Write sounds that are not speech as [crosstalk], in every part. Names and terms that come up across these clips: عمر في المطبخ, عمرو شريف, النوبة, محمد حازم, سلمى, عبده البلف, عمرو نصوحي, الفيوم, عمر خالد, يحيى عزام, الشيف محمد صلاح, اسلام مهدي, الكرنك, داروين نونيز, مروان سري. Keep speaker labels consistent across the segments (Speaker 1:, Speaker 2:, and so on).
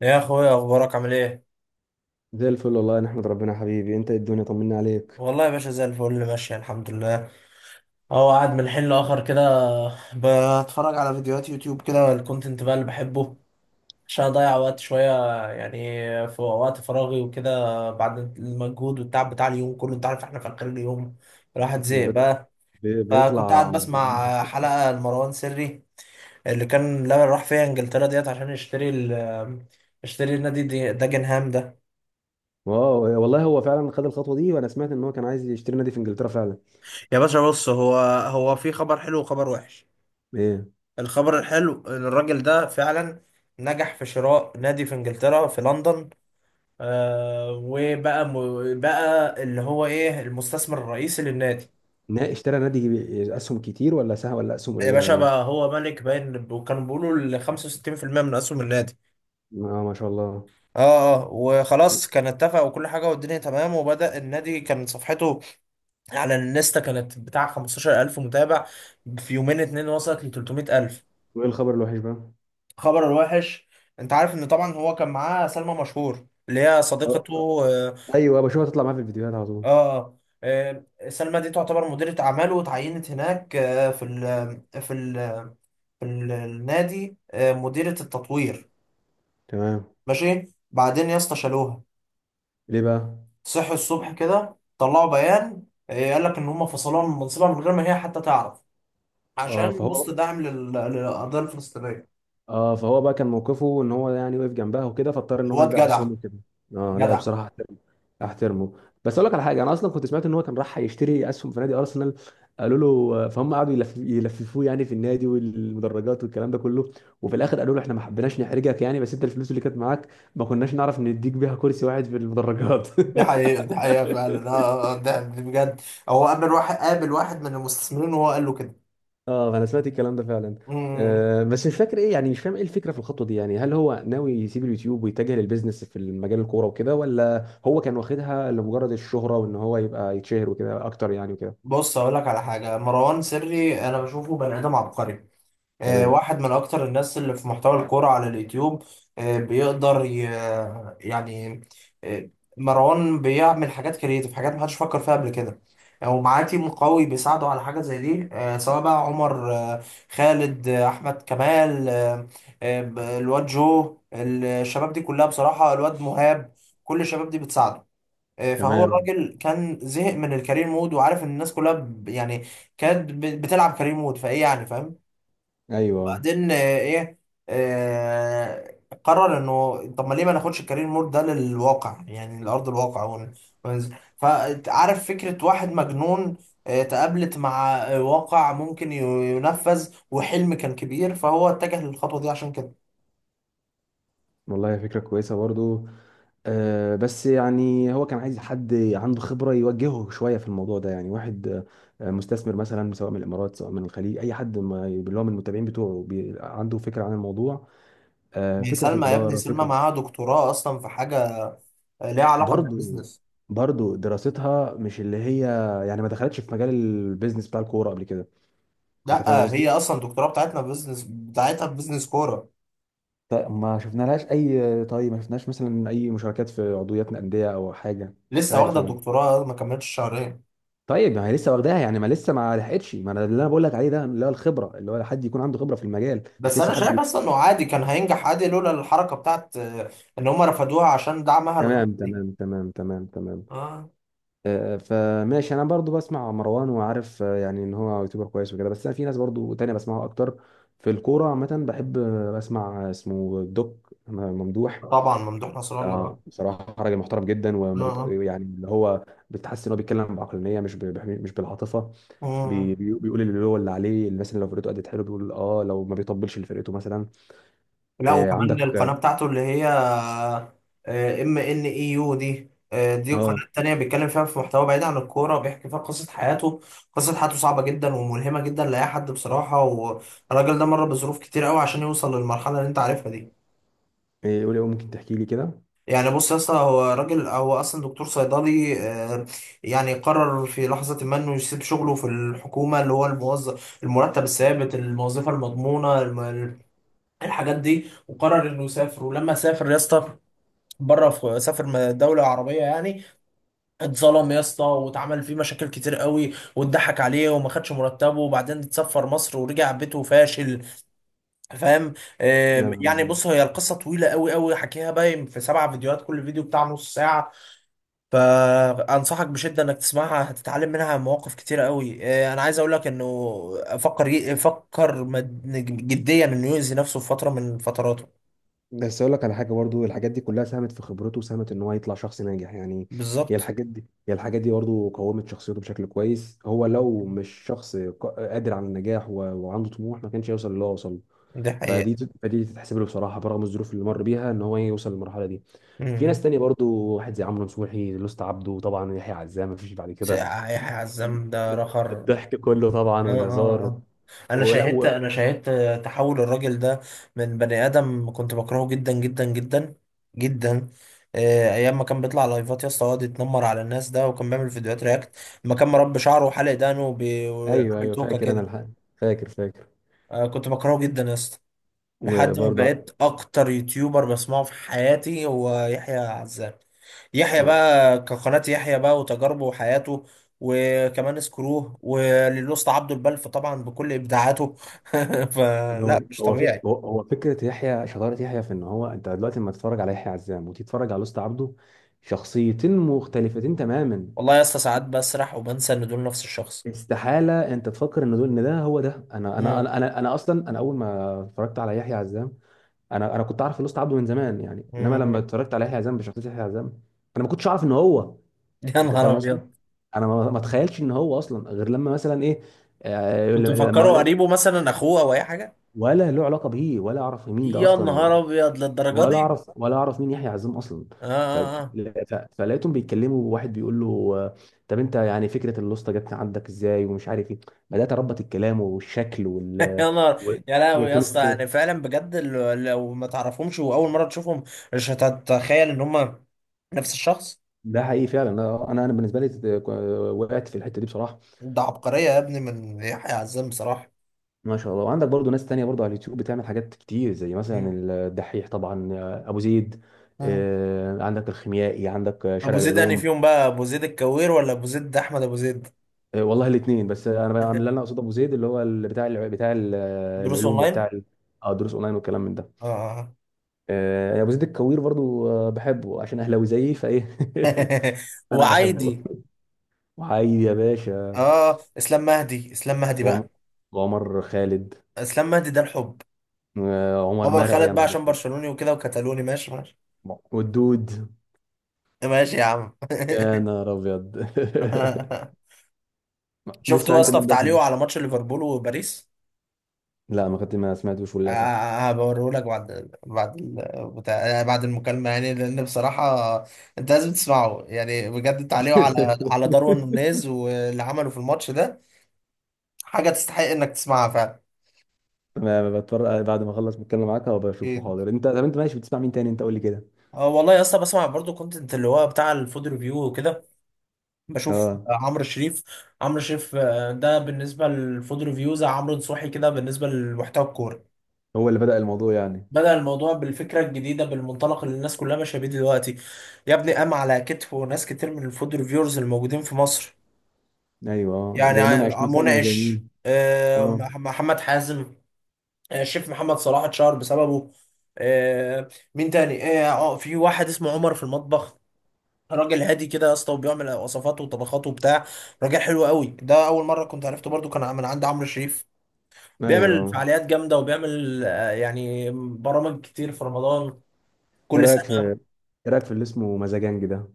Speaker 1: يا اخويا اخبارك عامل ايه؟
Speaker 2: زي الفل والله، نحمد ربنا. حبيبي انت، ايه الدنيا؟ طمنا عليك.
Speaker 1: والله يا باشا زي الفل ماشي الحمد لله. اهو قاعد من حين لاخر كده، بتفرج على فيديوهات يوتيوب كده، الكونتنت بقى اللي بحبه عشان اضيع وقت شويه، يعني في وقت فراغي وكده، بعد المجهود والتعب بتاع اليوم كله. انت عارف احنا في اخر اليوم الواحد
Speaker 2: احنا
Speaker 1: زهق بقى. فكنت قاعد
Speaker 2: بيطلع.
Speaker 1: بسمع حلقه لمروان سري اللي كان لا راح فيها انجلترا ديت عشان يشتري ال يشتري النادي داجنهام ده.
Speaker 2: واو، والله هو فعلا خد الخطوه دي، وانا سمعت ان هو كان عايز يشتري نادي في انجلترا فعلا.
Speaker 1: يا باشا بص، هو هو في خبر حلو وخبر وحش.
Speaker 2: ايه؟
Speaker 1: الخبر الحلو، الراجل ده فعلا نجح في شراء نادي في انجلترا في لندن. وبقى بقى اللي هو ايه المستثمر الرئيسي للنادي.
Speaker 2: اشترى نادي اسهم كتير، ولا سهم، ولا اسهم
Speaker 1: يا
Speaker 2: قليله،
Speaker 1: باشا
Speaker 2: ولا
Speaker 1: بقى
Speaker 2: ايه؟
Speaker 1: هو ملك باين، وكانوا بيقولوا ال 65% من اسهم النادي.
Speaker 2: اه، ما شاء الله.
Speaker 1: اه اه، وخلاص كان اتفق وكل حاجه والدنيا تمام، وبدأ النادي. كان صفحته على الانستا كانت بتاع 15,000 متابع، في يومين اتنين وصلت ل 300,000.
Speaker 2: وايه الخبر الوحش بقى؟
Speaker 1: خبر الوحش: انت عارف ان طبعا هو كان معاه سلمى مشهور اللي هي
Speaker 2: اه،
Speaker 1: صديقته. اه
Speaker 2: ايوه، بشوفها تطلع معاه في الفيديوهات على طول.
Speaker 1: اه. سلمى دي تعتبر مديرة اعماله، وتعينت هناك في ال في النادي، آه، مديرة التطوير.
Speaker 2: تمام.
Speaker 1: ماشي. بعدين يا اسطى شالوها.
Speaker 2: ليه بقى؟
Speaker 1: صحوا الصبح كده طلعوا بيان، قال لك ان هم فصلوها من منصبها من غير ما هي حتى تعرف،
Speaker 2: اه
Speaker 1: عشان
Speaker 2: فهو
Speaker 1: بوست دعم للقضية الفلسطينية.
Speaker 2: اه فهو بقى كان موقفه، ان هو يعني وقف جنبها وكده، فاضطر ان هو
Speaker 1: الواد
Speaker 2: يبيع
Speaker 1: جدع،
Speaker 2: اسهمه كده. اه، لا،
Speaker 1: جدع.
Speaker 2: بصراحه احترمه. احترمه. بس اقول لك على حاجه، انا اصلا كنت سمعت ان هو كان راح يشتري اسهم في نادي ارسنال. قالوا له، فهم قعدوا يلففوه يعني في النادي والمدرجات والكلام ده كله، وفي الاخر قالوا له احنا ما حبيناش نحرجك يعني، بس انت الفلوس اللي كانت معاك، ما كناش نعرف نديك بيها كرسي واحد في المدرجات.
Speaker 1: دي
Speaker 2: [laughs]
Speaker 1: حقيقة دي حقيقة فعلا، اه ده بجد. هو قابل واحد من المستثمرين وهو قال له كده.
Speaker 2: اه، انا سمعت الكلام ده فعلا.
Speaker 1: امم.
Speaker 2: بس مش فاكر ايه، يعني مش فاهم ايه الفكره في الخطوه دي. يعني هل هو ناوي يسيب اليوتيوب ويتجه للبيزنس في مجال الكوره وكده، ولا هو كان واخدها لمجرد الشهره، وان هو يبقى يتشهر وكده اكتر يعني، وكده؟
Speaker 1: بص هقول لك على حاجة: مروان سري انا بشوفه بني ادم عبقري،
Speaker 2: تمام،
Speaker 1: واحد من أكتر الناس اللي في محتوى الكورة على اليوتيوب. آه، بيقدر ي... يعني، آه، مروان بيعمل حاجات كريتيف، حاجات محدش فكر فيها قبل كده. ومعاه تيم قوي بيساعده على حاجة زي دي، سواء بقى عمر، خالد، أحمد كمال، الواد جو، الشباب دي كلها، بصراحة الواد مهاب، كل الشباب دي بتساعده. فهو
Speaker 2: تمام،
Speaker 1: الراجل كان زهق من الكارير مود، وعارف ان الناس كلها يعني كانت بتلعب كارير مود فايه، يعني فاهم.
Speaker 2: ايوه.
Speaker 1: بعدين آه، ايه آه قرر انه طب ما ليه ما ناخدش الكارير مود ده للواقع، يعني لارض الواقع، وننزل. فعارف فكره واحد مجنون تقابلت مع واقع ممكن ينفذ، وحلم كان كبير، فهو اتجه للخطوه دي عشان كده.
Speaker 2: والله فكره كويسه برضو. بس يعني هو كان عايز حد عنده خبرة يوجهه شوية في الموضوع ده. يعني واحد، مستثمر مثلا، سواء من الإمارات، سواء من الخليج، أي حد ما اللي هو من المتابعين بتوعه، عنده فكرة عن الموضوع،
Speaker 1: يعني
Speaker 2: فكرة في
Speaker 1: سلمى يا ابني،
Speaker 2: الإدارة،
Speaker 1: سلمى
Speaker 2: فكره.
Speaker 1: معاها دكتوراه اصلا في حاجه ليها علاقه
Speaker 2: برضو
Speaker 1: بالبيزنس.
Speaker 2: برضو دراستها مش اللي هي. يعني ما دخلتش في مجال البيزنس بتاع الكوره قبل كده. انت فاهم
Speaker 1: لا هي
Speaker 2: قصدي.
Speaker 1: اصلا الدكتوراه بتاعتنا في بيزنس، بتاعتها في بيزنس كوره.
Speaker 2: ما شفنا لهاش اي، طيب ما شفناش مثلا اي مشاركات في عضويات انديه او حاجه، مش
Speaker 1: لسه
Speaker 2: عارف
Speaker 1: واخده
Speaker 2: انا.
Speaker 1: الدكتوراه ما كملتش شهرين.
Speaker 2: طيب ما هي لسه واخداها يعني، ما لسه ما لحقتش. ما انا اللي انا بقول لك عليه ده، اللي هو الخبره، اللي هو حد يكون عنده خبره في المجال، مش
Speaker 1: بس
Speaker 2: لسه
Speaker 1: انا
Speaker 2: حد
Speaker 1: شايف
Speaker 2: بي...
Speaker 1: اصلا انه عادي كان هينجح عادي لولا الحركه بتاعت ان هم رفضوها عشان دعمها الغزو
Speaker 2: تمام،
Speaker 1: دي.
Speaker 2: تمام، تمام، تمام، تمام.
Speaker 1: اه.
Speaker 2: فماشي، انا برضو بسمع مروان وعارف، يعني ان هو يوتيوبر كويس وكده، بس أنا في ناس برضو تانية بسمعها اكتر. في الكورة عامة بحب بسمع اسمه دوك ممدوح.
Speaker 1: طبعا ممدوح نصر الله.
Speaker 2: بصراحة راجل محترم جدا،
Speaker 1: اه
Speaker 2: وما
Speaker 1: اه.
Speaker 2: يعني اللي هو. بتحس ان هو بيتكلم بعقلانية، مش مش بالعاطفة.
Speaker 1: مم.
Speaker 2: بيقول اللي هو اللي عليه، اللي مثلا لو فرقته أدت حلو بيقول اه، لو ما بيطبلش لفرقته مثلا.
Speaker 1: لا، وكمان القناه
Speaker 2: عندك.
Speaker 1: بتاعته اللي هي ام ان اي يو دي دي
Speaker 2: اه.
Speaker 1: قناه تانية بيتكلم فيها في محتوى بعيد عن الكوره، وبيحكي فيها قصه حياته. قصه حياته صعبه جدا وملهمه جدا لاي حد بصراحه، والراجل ده مر بظروف كتير قوي عشان يوصل للمرحله اللي انت عارفها دي.
Speaker 2: إيه، قولي، ممكن تحكي لي كده؟
Speaker 1: يعني بص يا اسطى، هو راجل، هو اصلا دكتور صيدلي، يعني قرر في لحظه ما انه يسيب شغله في الحكومه، اللي هو الموظف المرتب الثابت الوظيفه المضمونه، الحاجات دي، وقرر انه يسافر. ولما سافر يا اسطى، بره في سافر دولة عربية يعني، اتظلم يا اسطى، واتعمل فيه مشاكل كتير قوي، واتضحك عليه، وما خدش مرتبه، وبعدين اتسفر مصر ورجع بيته فاشل، فاهم.
Speaker 2: يا نهار
Speaker 1: يعني
Speaker 2: أبيض.
Speaker 1: بص، هي القصة طويلة قوي قوي، حكيها باين في 7 فيديوهات، كل فيديو بتاع نص ساعة. فانصحك بشده انك تسمعها، هتتعلم منها مواقف كتير قوي. انا عايز اقول لك انه فكر فكر جديا انه يؤذي نفسه في فتره من فتراته.
Speaker 2: بس اقول لك على حاجه برضو، الحاجات دي كلها ساهمت في خبرته، وساهمت ان هو يطلع شخص ناجح يعني.
Speaker 1: بالظبط.
Speaker 2: هي الحاجات دي برضو قومت شخصيته بشكل كويس. هو لو مش شخص قادر على النجاح، وعنده طموح، ما كانش يوصل اللي هو وصل له.
Speaker 1: دي حقيقه.
Speaker 2: فدي تتحسب له بصراحه، برغم الظروف اللي مر بيها ان هو يوصل للمرحله دي. في ناس
Speaker 1: م.
Speaker 2: تانية برضو. واحد زي عمرو نصوحي، لوست عبده طبعا، يحيى عزام. ما فيش بعد
Speaker 1: ساعة-
Speaker 2: كده. في
Speaker 1: هيحيى عزام ده رخر.
Speaker 2: الضحك كله طبعا
Speaker 1: اه اه
Speaker 2: والهزار.
Speaker 1: اه، انا
Speaker 2: ولا
Speaker 1: شاهدت،
Speaker 2: و...
Speaker 1: انا شاهدت تحول الراجل ده من بني ادم كنت بكرهه جدا جدا جدا جدا. ايام ما كان بيطلع لايفات يا اسطى، يقعد يتنمر على الناس ده، وكان بيعمل فيديوهات رياكت لما كان مربي شعره وحلق دقنه
Speaker 2: ايوه،
Speaker 1: وعامل
Speaker 2: ايوه،
Speaker 1: توكه
Speaker 2: فاكر انا
Speaker 1: كده.
Speaker 2: الحق. فاكر، فاكر.
Speaker 1: كنت بكرهه جدا يا اسطى، لحد ما
Speaker 2: وبرضه
Speaker 1: بقيت اكتر يوتيوبر بسمعه في حياتي هو يحيى عزام. يحيى بقى كقناة، يحيى بقى وتجاربه وحياته، وكمان سكروه وللأسطى عبده البلف طبعا بكل إبداعاته. [laughs]
Speaker 2: هو
Speaker 1: فلا، مش
Speaker 2: هو فك...
Speaker 1: طبيعي.
Speaker 2: هو هو فكره يحيى. شطاره يحيى في ان هو، انت دلوقتي لما تتفرج على يحيى عزام وتتفرج على لوست عبده، شخصيتين مختلفتين تماما.
Speaker 1: والله يا اسطى، ساعات بسرح وبنسى إن دول نفس الشخص.
Speaker 2: استحاله انت تفكر ان دول، ان ده هو ده،
Speaker 1: مم.
Speaker 2: أنا اصلا انا اول ما اتفرجت على يحيى عزام. انا كنت عارف لوست عبده من زمان يعني، انما لما
Speaker 1: مم.
Speaker 2: اتفرجت على يحيى عزام بشخصيه يحيى عزام، انا ما كنتش اعرف ان هو.
Speaker 1: [laughs] يا
Speaker 2: انت
Speaker 1: نهار
Speaker 2: فاهم قصدي.
Speaker 1: أبيض.
Speaker 2: انا ما اتخيلش ان هو اصلا، غير لما مثلا ايه. آه،
Speaker 1: كنت
Speaker 2: لما
Speaker 1: مفكره قريبه مثلا، أخوه أو أي حاجة.
Speaker 2: ولا له علاقه بيه، ولا اعرف مين ده
Speaker 1: يا
Speaker 2: اصلا.
Speaker 1: نهار أبيض للدرجة
Speaker 2: ولا
Speaker 1: دي.
Speaker 2: اعرف، مين يحيى عزام اصلا.
Speaker 1: آه
Speaker 2: ف...
Speaker 1: آه آه.
Speaker 2: فلقيتهم بيتكلموا، وواحد بيقول له، آه، طب انت يعني، فكره اللوسته جت عندك ازاي، ومش عارف ايه. بدات اربط الكلام والشكل
Speaker 1: [laughs] يا نهار.
Speaker 2: و-
Speaker 1: يا لهوي يا
Speaker 2: وتون
Speaker 1: اسطى، يعني
Speaker 2: الصوت.
Speaker 1: فعلا بجد لو ما تعرفهمش وأول مرة تشوفهم، مش هتتخيل إن هما نفس الشخص.
Speaker 2: ده حقيقي فعلا. انا انا أنا بالنسبه لي، وقعت في الحته دي بصراحه.
Speaker 1: ده عبقرية يا ابني من يحيى عزام بصراحة.
Speaker 2: ما شاء الله. وعندك برضو ناس تانية برضو على اليوتيوب بتعمل حاجات كتير، زي مثلا
Speaker 1: مم.
Speaker 2: الدحيح طبعا، ابو زيد.
Speaker 1: مم.
Speaker 2: عندك الخيميائي، عندك
Speaker 1: ابو
Speaker 2: شارع
Speaker 1: زيد انهي
Speaker 2: العلوم.
Speaker 1: فيهم بقى؟ ابو زيد الكوير ولا ابو زيد احمد ابو زيد؟
Speaker 2: والله الاثنين. بس أنا اللي انا
Speaker 1: [laughs]
Speaker 2: اقصده ابو زيد، اللي هو بتاع بتاع
Speaker 1: دروس
Speaker 2: العلوم،
Speaker 1: اونلاين.
Speaker 2: وبتاع دروس اونلاين والكلام من ده.
Speaker 1: اه.
Speaker 2: ابو زيد الكوير برضو، بحبه عشان اهلاوي زيي فايه. [laughs]
Speaker 1: [laughs]
Speaker 2: انا بحبه.
Speaker 1: وعايدي.
Speaker 2: وعايد يا باشا.
Speaker 1: اه، اسلام مهدي، اسلام مهدي
Speaker 2: وعم-
Speaker 1: بقى.
Speaker 2: وعمر خالد.
Speaker 1: اسلام مهدي ده الحب.
Speaker 2: وعمر
Speaker 1: عمر
Speaker 2: مرعي، يا
Speaker 1: خالد بقى
Speaker 2: نهار
Speaker 1: عشان
Speaker 2: أسود.
Speaker 1: برشلوني وكده وكتالوني. ماشي ماشي.
Speaker 2: والدود.
Speaker 1: [laughs] ماشي يا عم.
Speaker 2: يا
Speaker 1: [laughs]
Speaker 2: نهار ابيض. [laughs]
Speaker 1: شفتوا
Speaker 2: بتسمع
Speaker 1: يا
Speaker 2: انت
Speaker 1: اسطى في
Speaker 2: مين بقى
Speaker 1: تعليقه
Speaker 2: تاني؟
Speaker 1: على ماتش ليفربول وباريس؟
Speaker 2: لا، ما كنت ما سمعتوش للاسف.
Speaker 1: هبوريهولك بعد بتاع، يعني بعد المكالمة، يعني لأن بصراحة أنت لازم تسمعه، يعني بجد التعليق على داروين
Speaker 2: [laughs]
Speaker 1: نونيز واللي عمله في الماتش ده حاجة تستحق إنك تسمعها فعلا.
Speaker 2: ما بتفرج بعد ما اخلص بتكلم معاك وبشوفه
Speaker 1: أكيد.
Speaker 2: حاضر. انت طب، انت ماشي بتسمع مين تاني، انت قول لي كده.
Speaker 1: اه والله يا اسطى، بسمع برضو كونتنت اللي هو بتاع الفود ريفيو وكده. بشوف
Speaker 2: اه.
Speaker 1: عمرو شريف. عمرو شريف، ده بالنسبة للفود ريفيو زي عمرو نصوحي كده بالنسبة لمحتوى الكورة.
Speaker 2: هو اللي بدأ الموضوع يعني؟
Speaker 1: بدأ الموضوع بالفكرة الجديدة بالمنطلق اللي الناس كلها ماشية بيه دلوقتي. يا ابني قام على كتفه ناس كتير من الفود ريفيورز الموجودين في مصر.
Speaker 2: ايوه،
Speaker 1: يعني
Speaker 2: زي منعش مثلا، وزي
Speaker 1: منعش،
Speaker 2: مين؟ اه،
Speaker 1: محمد حازم. الشيف محمد صلاح اتشهر بسببه. آه، مين تاني في واحد اسمه عمر في المطبخ، راجل هادي كده يا اسطى، وبيعمل وصفات وطبخات وبتاع، راجل حلو قوي ده. اول مره كنت عرفته برضو كان من عند عمرو شريف.
Speaker 2: ايوه،
Speaker 1: بيعمل
Speaker 2: اه.
Speaker 1: فعاليات جامده، وبيعمل يعني برامج كتير في رمضان
Speaker 2: ايه
Speaker 1: كل
Speaker 2: رايك في
Speaker 1: سنه.
Speaker 2: ايه رايك في اللي اسمه مزاجنجي ده؟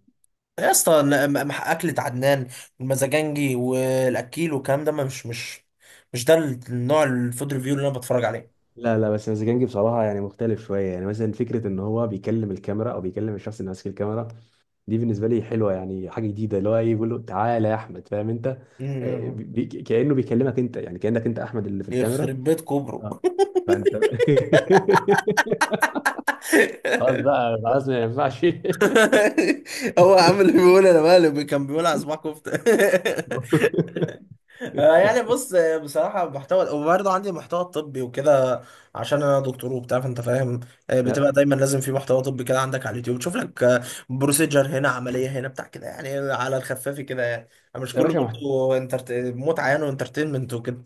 Speaker 1: يا اسطى لا، اكلة عدنان والمزاجنجي والاكيل والكلام ده، مش مش ده النوع الفود ريفيو اللي انا بتفرج عليه.
Speaker 2: لا، لا، بس مزاجنجي بصراحه يعني مختلف شويه، يعني مثلا فكره ان هو بيكلم الكاميرا، او بيكلم الشخص اللي ماسك الكاميرا. دي بالنسبه لي حلوه، يعني حاجه جديده، اللي هو إيه، بيقول له تعالى يا احمد، فاهم انت؟
Speaker 1: أمم.
Speaker 2: كانه بيكلمك انت، يعني كانك انت احمد اللي في الكاميرا.
Speaker 1: يخرب بيت كوبرو.
Speaker 2: اه، فانت. [laughs] خلاص
Speaker 1: [laughs]
Speaker 2: بقى خلاص ما ينفعش. [laughs]
Speaker 1: هو عامل ايه؟ بيقول انا مقلب، كان بيقول على صباع كفته. [laughs] يعني بص، بصراحة محتوى، وبرضه عندي محتوى طبي وكده، عشان أنا دكتور وبتاع، فأنت فاهم.
Speaker 2: يا
Speaker 1: بتبقى دايما لازم في محتوى طبي كده عندك على اليوتيوب، تشوف لك، بروسيجر هنا، عملية هنا بتاع كده، يعني على الخفاف كده يعني. مش
Speaker 2: يا
Speaker 1: كله
Speaker 2: باشا،
Speaker 1: برضه متعة يعني، وانترتينمنت وكده.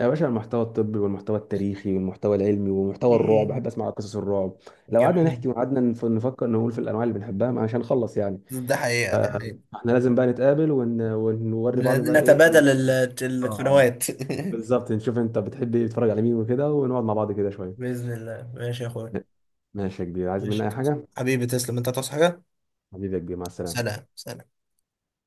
Speaker 2: يا باشا، المحتوى الطبي والمحتوى التاريخي والمحتوى العلمي ومحتوى الرعب،
Speaker 1: مم.
Speaker 2: بحب اسمع قصص الرعب. لو قعدنا
Speaker 1: جميل.
Speaker 2: نحكي، وقعدنا نفكر نقول في الانواع اللي بنحبها، مش هنخلص يعني.
Speaker 1: ده حقيقة ده حقيقة.
Speaker 2: فاحنا لازم بقى نتقابل، ونوري بعض بقى ايه
Speaker 1: نتبادل ال-
Speaker 2: اه.
Speaker 1: القنوات.
Speaker 2: بالظبط، نشوف انت بتحب ايه، تتفرج على مين وكده، ونقعد مع بعض كده
Speaker 1: [laughs]
Speaker 2: شويه.
Speaker 1: بإذن الله. ماشي يا أخويا.
Speaker 2: ماشي يا كبير، عايز مني
Speaker 1: ماشي
Speaker 2: اي حاجه؟
Speaker 1: حبيبي، تسلم أنت، تصحى حاجة.
Speaker 2: حبيبي يا كبير، مع السلامه.
Speaker 1: سلام سلام.